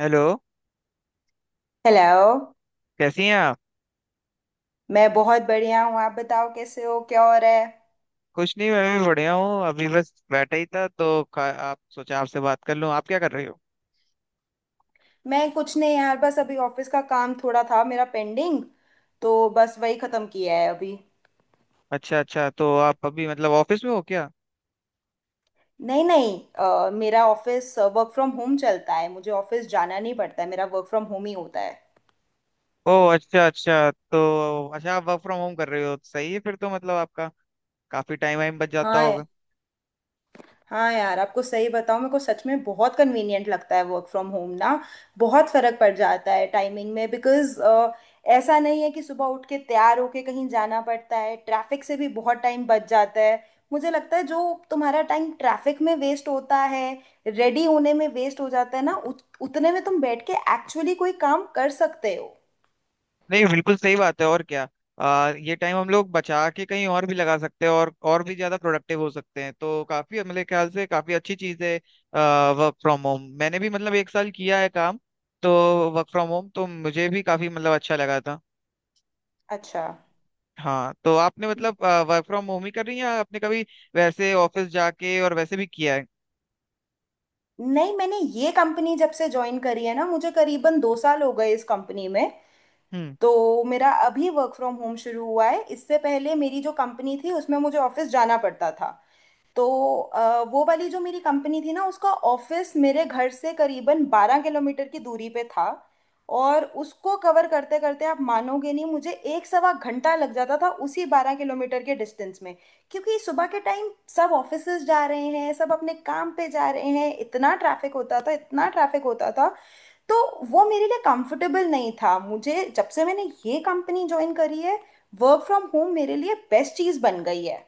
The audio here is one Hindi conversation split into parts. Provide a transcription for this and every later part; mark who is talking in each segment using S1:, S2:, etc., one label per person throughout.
S1: हेलो।
S2: हेलो।
S1: कैसी हैं आप?
S2: मैं बहुत बढ़िया हूँ। आप बताओ कैसे हो, क्या हो रहा है।
S1: कुछ नहीं, मैं भी बढ़िया हूँ। अभी बस बैठा ही था तो आप सोचा आपसे बात कर लूँ। आप क्या कर रहे हो?
S2: मैं कुछ नहीं यार, बस अभी ऑफिस का काम थोड़ा था मेरा पेंडिंग, तो बस वही खत्म किया है अभी।
S1: अच्छा अच्छा, तो आप अभी मतलब ऑफिस में हो क्या?
S2: नहीं नहीं, मेरा ऑफिस वर्क फ्रॉम होम चलता है, मुझे ऑफिस जाना नहीं पड़ता है, मेरा वर्क फ्रॉम होम ही होता है।
S1: ओह, अच्छा अच्छा। तो अच्छा, आप वर्क फ्रॉम होम कर रहे हो तो सही है फिर, तो मतलब आपका काफी टाइम वाइम बच जाता
S2: हाँ।
S1: होगा।
S2: हाँ यार आपको सही बताऊँ, मेरे को सच में बहुत कन्वीनियंट लगता है वर्क फ्रॉम होम ना। बहुत फर्क पड़ जाता है टाइमिंग में बिकॉज ऐसा नहीं है कि सुबह उठ के तैयार होके कहीं जाना पड़ता है। ट्रैफिक से भी बहुत टाइम बच जाता है। मुझे लगता है जो तुम्हारा टाइम ट्रैफिक में वेस्ट होता है, रेडी होने में वेस्ट हो जाता है ना, उतने में तुम बैठ के एक्चुअली कोई काम कर सकते हो।
S1: नहीं बिल्कुल सही बात है, और क्या। ये टाइम हम लोग बचा के कहीं और भी लगा सकते हैं और भी ज्यादा प्रोडक्टिव हो सकते हैं, तो काफी, मेरे ख्याल से काफी अच्छी चीज है वर्क फ्रॉम होम। मैंने भी मतलब एक साल किया है काम, तो वर्क फ्रॉम होम तो मुझे भी काफी मतलब अच्छा लगा था।
S2: अच्छा।
S1: हाँ, तो आपने मतलब वर्क फ्रॉम होम ही कर रही हैं या आपने कभी वैसे ऑफिस जाके और वैसे भी किया है?
S2: नहीं, मैंने ये कंपनी जब से ज्वाइन करी है ना, मुझे करीबन 2 साल हो गए इस कंपनी में।
S1: हम्म।
S2: तो मेरा अभी वर्क फ्रॉम होम शुरू हुआ है, इससे पहले मेरी जो कंपनी थी उसमें मुझे ऑफिस जाना पड़ता था। तो वो वाली जो मेरी कंपनी थी ना, उसका ऑफिस मेरे घर से करीबन 12 किलोमीटर की दूरी पे था। और उसको कवर करते करते आप मानोगे नहीं, मुझे एक सवा घंटा लग जाता था उसी 12 किलोमीटर के डिस्टेंस में। क्योंकि सुबह के टाइम सब ऑफिसेज जा रहे हैं, सब अपने काम पे जा रहे हैं, इतना ट्रैफिक होता था, इतना ट्रैफिक होता था। तो वो मेरे लिए कंफर्टेबल नहीं था। मुझे जब से मैंने ये कंपनी ज्वाइन करी है, वर्क फ्रॉम होम मेरे लिए बेस्ट चीज़ बन गई है।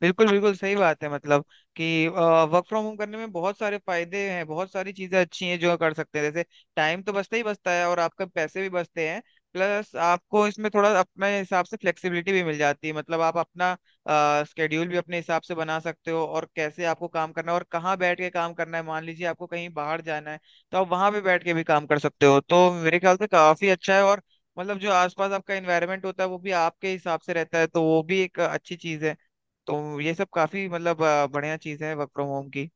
S1: बिल्कुल बिल्कुल सही बात है मतलब, कि वर्क फ्रॉम होम करने में बहुत सारे फायदे हैं, बहुत सारी चीजें अच्छी हैं जो कर सकते हैं। जैसे टाइम तो बचता ही बचता है और आपका पैसे भी बचते हैं। प्लस आपको इसमें थोड़ा अपने हिसाब से फ्लेक्सिबिलिटी भी मिल जाती है, मतलब आप अपना स्केड्यूल भी अपने हिसाब से बना सकते हो, और कैसे आपको काम करना है और कहाँ बैठ के काम करना है। मान लीजिए आपको कहीं बाहर जाना है तो आप वहां पे बैठ के भी काम कर सकते हो, तो मेरे ख्याल से काफी अच्छा है। और मतलब जो आसपास आपका एनवायरनमेंट होता है वो भी आपके हिसाब से रहता है, तो वो भी एक अच्छी चीज है। तो ये सब काफी मतलब बढ़िया चीज है वर्क फ्रॉम होम की।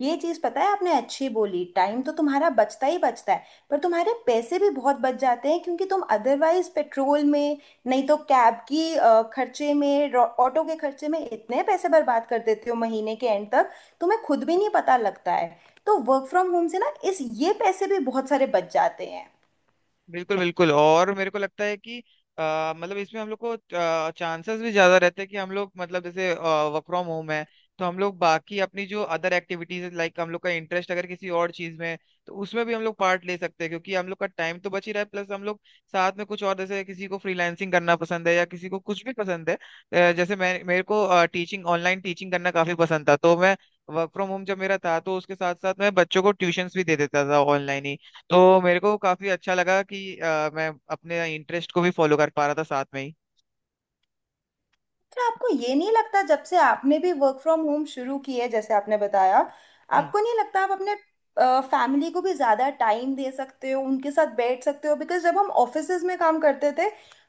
S2: ये चीज़ पता है आपने अच्छी बोली, टाइम तो तुम्हारा बचता ही बचता है, पर तुम्हारे पैसे भी बहुत बच जाते हैं क्योंकि तुम अदरवाइज पेट्रोल में, नहीं तो कैब की खर्चे में ऑटो के खर्चे में इतने पैसे बर्बाद कर देते हो महीने के एंड तक, तुम्हें खुद भी नहीं पता लगता है। तो वर्क फ्रॉम होम से ना इस ये पैसे भी बहुत सारे बच जाते हैं।
S1: बिल्कुल बिल्कुल। और मेरे को लगता है कि मतलब इसमें हम लोग को चांसेस भी ज्यादा रहते हैं कि हम लोग मतलब, जैसे वर्क फ्रॉम होम है, तो हम लोग बाकी अपनी जो अदर एक्टिविटीज, लाइक हम लोग का इंटरेस्ट अगर किसी और चीज में है, तो उसमें भी हम लोग पार्ट ले सकते हैं, क्योंकि हम लोग का टाइम तो बच ही रहा है। प्लस हम लोग साथ में कुछ और, जैसे किसी को फ्रीलांसिंग करना पसंद है या किसी को कुछ भी पसंद है। जैसे मैं, मेरे को टीचिंग, ऑनलाइन टीचिंग करना काफी पसंद था, तो मैं, वर्क फ्रॉम होम जब मेरा था तो उसके साथ साथ मैं बच्चों को ट्यूशंस भी दे देता था ऑनलाइन ही। तो मेरे को काफी अच्छा लगा कि मैं अपने इंटरेस्ट को भी फॉलो कर पा रहा था साथ में ही।
S2: क्या आपको ये नहीं लगता जब से आपने भी वर्क फ्रॉम होम शुरू की है, जैसे आपने बताया,
S1: हम्म।
S2: आपको नहीं लगता आप अपने फैमिली को भी ज़्यादा टाइम दे सकते हो, उनके साथ बैठ सकते हो, बिकॉज जब हम ऑफिसेज में काम करते थे,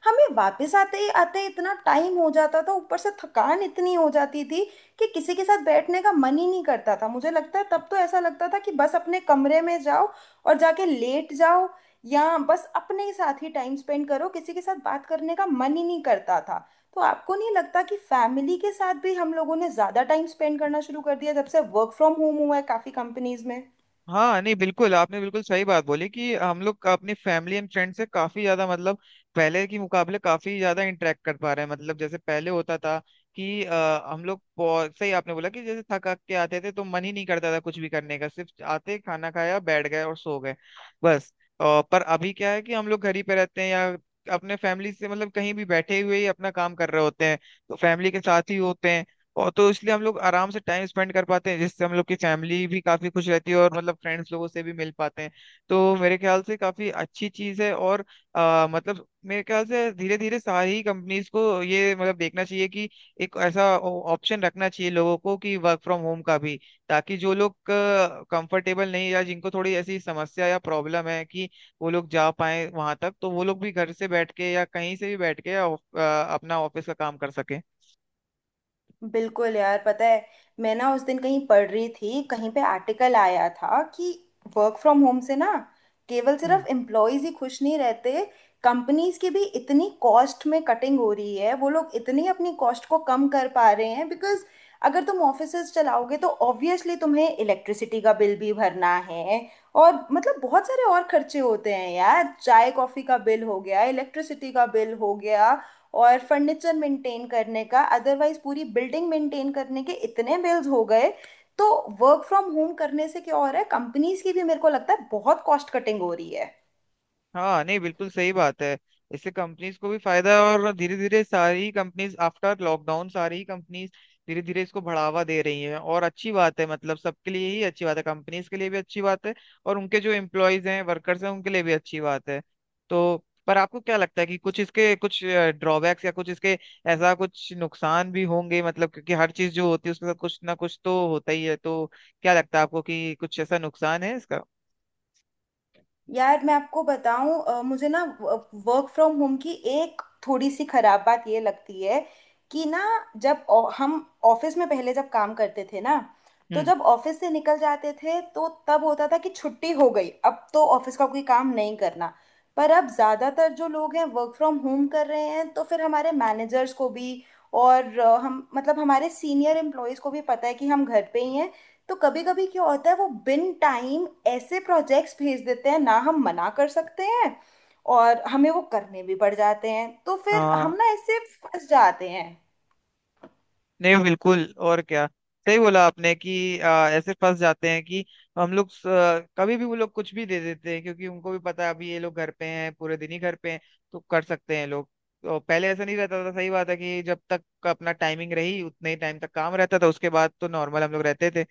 S2: हमें वापस आते ही इतना टाइम हो जाता था, ऊपर से थकान इतनी हो जाती थी कि किसी के साथ बैठने का मन ही नहीं करता था। मुझे लगता है तब तो ऐसा लगता था कि बस अपने कमरे में जाओ और जाके लेट जाओ, या बस अपने साथ ही टाइम स्पेंड करो, किसी के साथ बात करने का मन ही नहीं करता था। तो आपको नहीं लगता कि फैमिली के साथ भी हम लोगों ने ज़्यादा टाइम स्पेंड करना शुरू कर दिया जब से वर्क फ्रॉम होम हुआ है काफ़ी कंपनीज में।
S1: हाँ नहीं बिल्कुल, आपने बिल्कुल सही बात बोली कि हम लोग का अपनी फैमिली एंड फ्रेंड से काफी ज्यादा, मतलब पहले के मुकाबले काफी ज्यादा इंटरेक्ट कर पा रहे हैं। मतलब जैसे पहले होता था कि हम लोग सही आपने बोला कि जैसे थक हक के आते थे तो मन ही नहीं करता था कुछ भी करने का, सिर्फ आते खाना खाया बैठ गए और सो गए, बस। अ, पर अभी क्या है कि हम लोग घर ही पे रहते हैं या अपने फैमिली से मतलब कहीं भी बैठे हुए ही अपना काम कर रहे होते हैं, तो फैमिली के साथ ही होते हैं। और तो इसलिए हम लोग आराम से टाइम स्पेंड कर पाते हैं, जिससे हम लोग की फैमिली भी काफी खुश रहती है, और मतलब फ्रेंड्स लोगों से भी मिल पाते हैं। तो मेरे ख्याल से काफी अच्छी चीज है। और मतलब मेरे ख्याल से धीरे धीरे सारी कंपनीज को ये मतलब देखना चाहिए कि एक ऐसा ऑप्शन रखना चाहिए लोगों को कि वर्क फ्रॉम होम का भी, ताकि जो लोग कंफर्टेबल नहीं या जिनको थोड़ी ऐसी समस्या या प्रॉब्लम है कि वो लोग जा पाए वहां तक, तो वो लोग भी घर से बैठ के या कहीं से भी बैठ के या, अपना ऑफिस का काम कर सके।
S2: बिल्कुल यार, पता है मैं ना उस दिन कहीं पढ़ रही थी, कहीं पे आर्टिकल आया था कि वर्क फ्रॉम होम से ना केवल
S1: हम्म।
S2: सिर्फ एम्प्लॉयज ही खुश नहीं रहते, कंपनीज की भी इतनी कॉस्ट में कटिंग हो रही है, वो लोग इतनी अपनी कॉस्ट को कम कर पा रहे हैं बिकॉज अगर तुम ऑफिसेज चलाओगे तो ऑब्वियसली तुम्हें इलेक्ट्रिसिटी का बिल भी भरना है। और मतलब बहुत सारे और खर्चे होते हैं यार, चाय कॉफी का बिल हो गया, इलेक्ट्रिसिटी का बिल हो गया, और फर्नीचर मेंटेन करने का, अदरवाइज पूरी बिल्डिंग मेंटेन करने के इतने बिल्स हो गए। तो वर्क फ्रॉम होम करने से क्या हो रहा है, कंपनीज की भी मेरे को लगता है बहुत कॉस्ट कटिंग हो रही है।
S1: हाँ नहीं बिल्कुल सही बात है, इससे कंपनीज को भी फायदा है। और धीरे धीरे सारी कंपनीज आफ्टर लॉकडाउन सारी कंपनीज धीरे धीरे इसको बढ़ावा दे रही हैं, और अच्छी बात है, मतलब सबके लिए ही अच्छी बात है, कंपनीज के लिए भी अच्छी बात है, और उनके जो एम्प्लॉयज हैं, वर्कर्स हैं, उनके लिए भी अच्छी बात है। तो पर आपको क्या लगता है कि कुछ इसके कुछ ड्रॉबैक्स या कुछ इसके ऐसा कुछ नुकसान भी होंगे, मतलब क्योंकि हर चीज जो होती है उसके साथ कुछ ना कुछ तो होता ही है, तो क्या लगता है आपको कि कुछ ऐसा नुकसान है इसका?
S2: यार मैं आपको बताऊं, मुझे ना वर्क फ्रॉम होम की एक थोड़ी सी खराब बात ये लगती है कि ना जब हम ऑफिस में पहले जब काम करते थे ना, तो जब ऑफिस से निकल जाते थे तो तब होता था कि छुट्टी हो गई, अब तो ऑफिस का कोई काम नहीं करना। पर अब ज्यादातर जो लोग हैं वर्क फ्रॉम होम कर रहे हैं तो फिर हमारे मैनेजर्स को भी और हम मतलब हमारे सीनियर एम्प्लॉयज को भी पता है कि हम घर पे ही हैं। तो कभी कभी क्या होता है, वो बिन टाइम ऐसे प्रोजेक्ट्स भेज देते हैं, ना हम मना कर सकते हैं और हमें वो करने भी पड़ जाते हैं, तो फिर
S1: हम्म।
S2: हम ना ऐसे फंस जाते हैं।
S1: नहीं बिल्कुल, और क्या। सही बोला आपने कि ऐसे फंस जाते हैं कि हम लोग कभी भी वो लोग कुछ भी दे देते हैं, क्योंकि उनको भी पता है अभी ये लोग घर पे हैं, पूरे दिन ही घर पे हैं, तो कर सकते हैं लोग। तो पहले ऐसा नहीं रहता था, सही बात है कि जब तक अपना टाइमिंग रही उतने ही टाइम तक काम रहता था, उसके बाद तो नॉर्मल हम लोग रहते थे।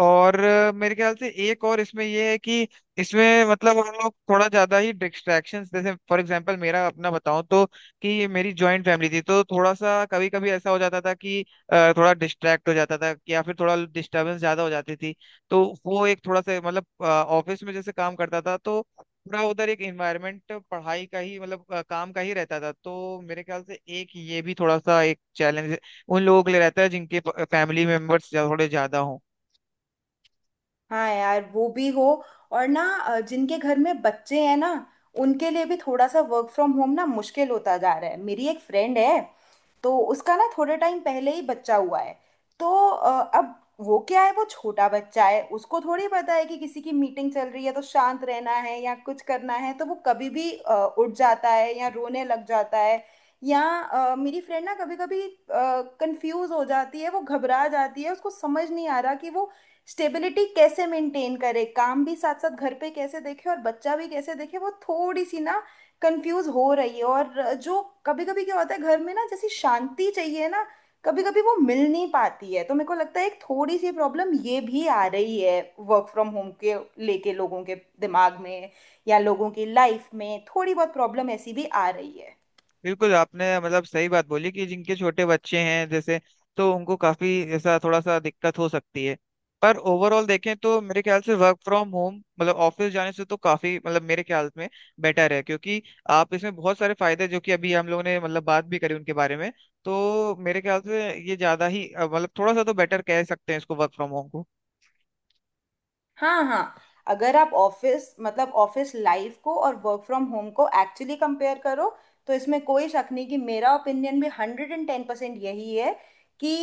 S1: और मेरे ख्याल से एक और इसमें ये है कि इसमें मतलब हम लोग थोड़ा ज्यादा ही डिस्ट्रैक्शंस, जैसे फॉर एग्जांपल मेरा अपना बताऊं, तो कि मेरी जॉइंट फैमिली थी तो थोड़ा सा कभी कभी ऐसा हो जाता था कि थोड़ा डिस्ट्रैक्ट हो जाता था या फिर थोड़ा डिस्टर्बेंस ज्यादा हो जाती थी। तो वो एक थोड़ा सा मतलब, ऑफिस में जैसे काम करता था तो पूरा उधर एक एनवायरनमेंट पढ़ाई का ही मतलब काम का ही रहता था। तो मेरे ख्याल से एक ये भी थोड़ा सा एक चैलेंज उन लोगों के लिए रहता है जिनके फैमिली मेंबर्स थोड़े ज्यादा हों।
S2: हाँ यार, वो भी हो। और ना जिनके घर में बच्चे हैं ना उनके लिए भी थोड़ा सा वर्क फ्रॉम होम ना मुश्किल होता जा रहा है। मेरी एक फ्रेंड है, तो उसका ना थोड़े टाइम पहले ही बच्चा हुआ है। तो अब वो क्या है, वो छोटा बच्चा है, उसको थोड़ी पता है कि किसी की मीटिंग चल रही है तो शांत रहना है या कुछ करना है, तो वो कभी भी उठ जाता है या रोने लग जाता है। या मेरी फ्रेंड ना कभी कभी कंफ्यूज हो जाती है, वो घबरा जाती है, उसको समझ नहीं आ रहा कि वो स्टेबिलिटी कैसे मेंटेन करे, काम भी साथ साथ घर पे कैसे देखे और बच्चा भी कैसे देखे। वो थोड़ी सी ना कंफ्यूज हो रही है। और जो कभी कभी क्या होता है, घर में ना जैसी शांति चाहिए ना, कभी कभी वो मिल नहीं पाती है। तो मेरे को लगता है एक थोड़ी सी प्रॉब्लम ये भी आ रही है वर्क फ्रॉम होम के लेके, लोगों के दिमाग में या लोगों की लाइफ में थोड़ी बहुत प्रॉब्लम ऐसी भी आ रही है।
S1: बिल्कुल, आपने मतलब सही बात बोली कि जिनके छोटे बच्चे हैं जैसे, तो उनको काफी ऐसा थोड़ा सा दिक्कत हो सकती है। पर ओवरऑल देखें तो मेरे ख्याल से वर्क फ्रॉम होम, मतलब ऑफिस जाने से तो काफी मतलब, मेरे ख्याल में बेटर है, क्योंकि आप इसमें बहुत सारे फायदे जो कि अभी हम लोगों ने मतलब बात भी करी उनके बारे में। तो मेरे ख्याल से ये ज्यादा ही मतलब थोड़ा सा तो बेटर कह सकते हैं इसको, वर्क फ्रॉम होम को।
S2: हाँ हाँ। अगर आप ऑफिस मतलब ऑफिस लाइफ को और वर्क फ्रॉम होम को एक्चुअली कंपेयर करो, तो इसमें कोई शक नहीं कि मेरा ओपिनियन भी 110% यही है कि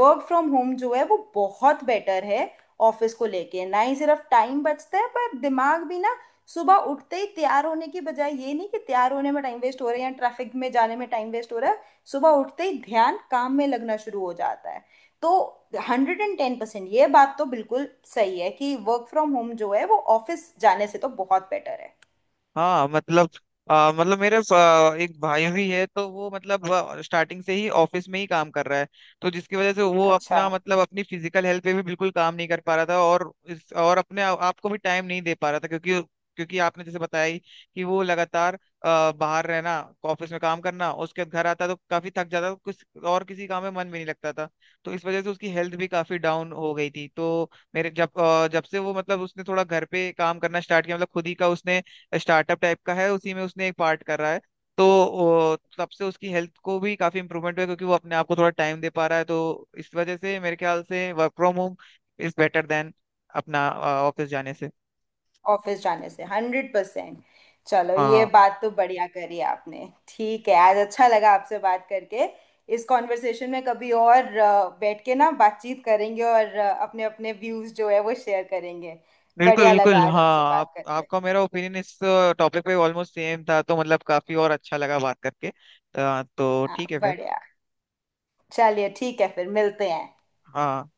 S2: वर्क फ्रॉम होम जो है वो बहुत बेटर है। ऑफिस को लेके ना ही सिर्फ टाइम बचता है पर दिमाग भी ना। सुबह उठते ही तैयार होने की बजाय, ये नहीं कि तैयार होने में टाइम वेस्ट हो रहा है या ट्रैफिक में जाने में टाइम वेस्ट हो रहा है, सुबह उठते ही ध्यान काम में लगना शुरू हो जाता है। तो 110% ये बात तो बिल्कुल सही है कि वर्क फ्रॉम होम जो है वो ऑफिस जाने से तो बहुत बेटर है।
S1: हाँ मतलब मतलब मेरे एक भाई भी है, तो वो मतलब स्टार्टिंग से ही ऑफिस में ही काम कर रहा है, तो जिसकी वजह से वो
S2: अच्छा।
S1: अपना मतलब अपनी फिजिकल हेल्थ पे भी बिल्कुल काम नहीं कर पा रहा था, और इस और अपने आपको भी टाइम नहीं दे पा रहा था, क्योंकि, आपने जैसे बताया ही कि वो लगातार बाहर रहना, ऑफिस में काम करना, उसके बाद घर आता तो काफी थक जाता तो कुछ और किसी काम में मन भी नहीं लगता था। तो इस वजह से उसकी हेल्थ भी काफी डाउन हो गई थी। तो मेरे जब से वो मतलब उसने थोड़ा घर पे काम करना स्टार्ट किया, मतलब खुद ही का उसने स्टार्टअप टाइप का है, उसी में उसने एक पार्ट कर रहा है, तो तब से उसकी हेल्थ को भी काफी इम्प्रूवमेंट हुआ है, क्योंकि वो अपने आप को थोड़ा टाइम दे पा रहा है, तो इस वजह से मेरे ख्याल से work from home is better than अपना ऑफिस जाने से।
S2: ऑफिस जाने से 100%। चलो ये
S1: हाँ,
S2: बात तो बढ़िया करी आपने, ठीक है, आज अच्छा लगा आपसे बात करके। इस कॉन्वर्सेशन में कभी और बैठ के ना बातचीत करेंगे और अपने अपने व्यूज जो है वो शेयर करेंगे।
S1: बिल्कुल
S2: बढ़िया लगा
S1: बिल्कुल,
S2: आज
S1: हाँ।
S2: आपसे बात करके।
S1: आपका मेरा ओपिनियन इस टॉपिक पे ऑलमोस्ट सेम था, तो मतलब काफी और अच्छा लगा बात करके। तो
S2: हाँ
S1: ठीक है फिर।
S2: बढ़िया। चलिए ठीक है फिर मिलते हैं।
S1: हाँ।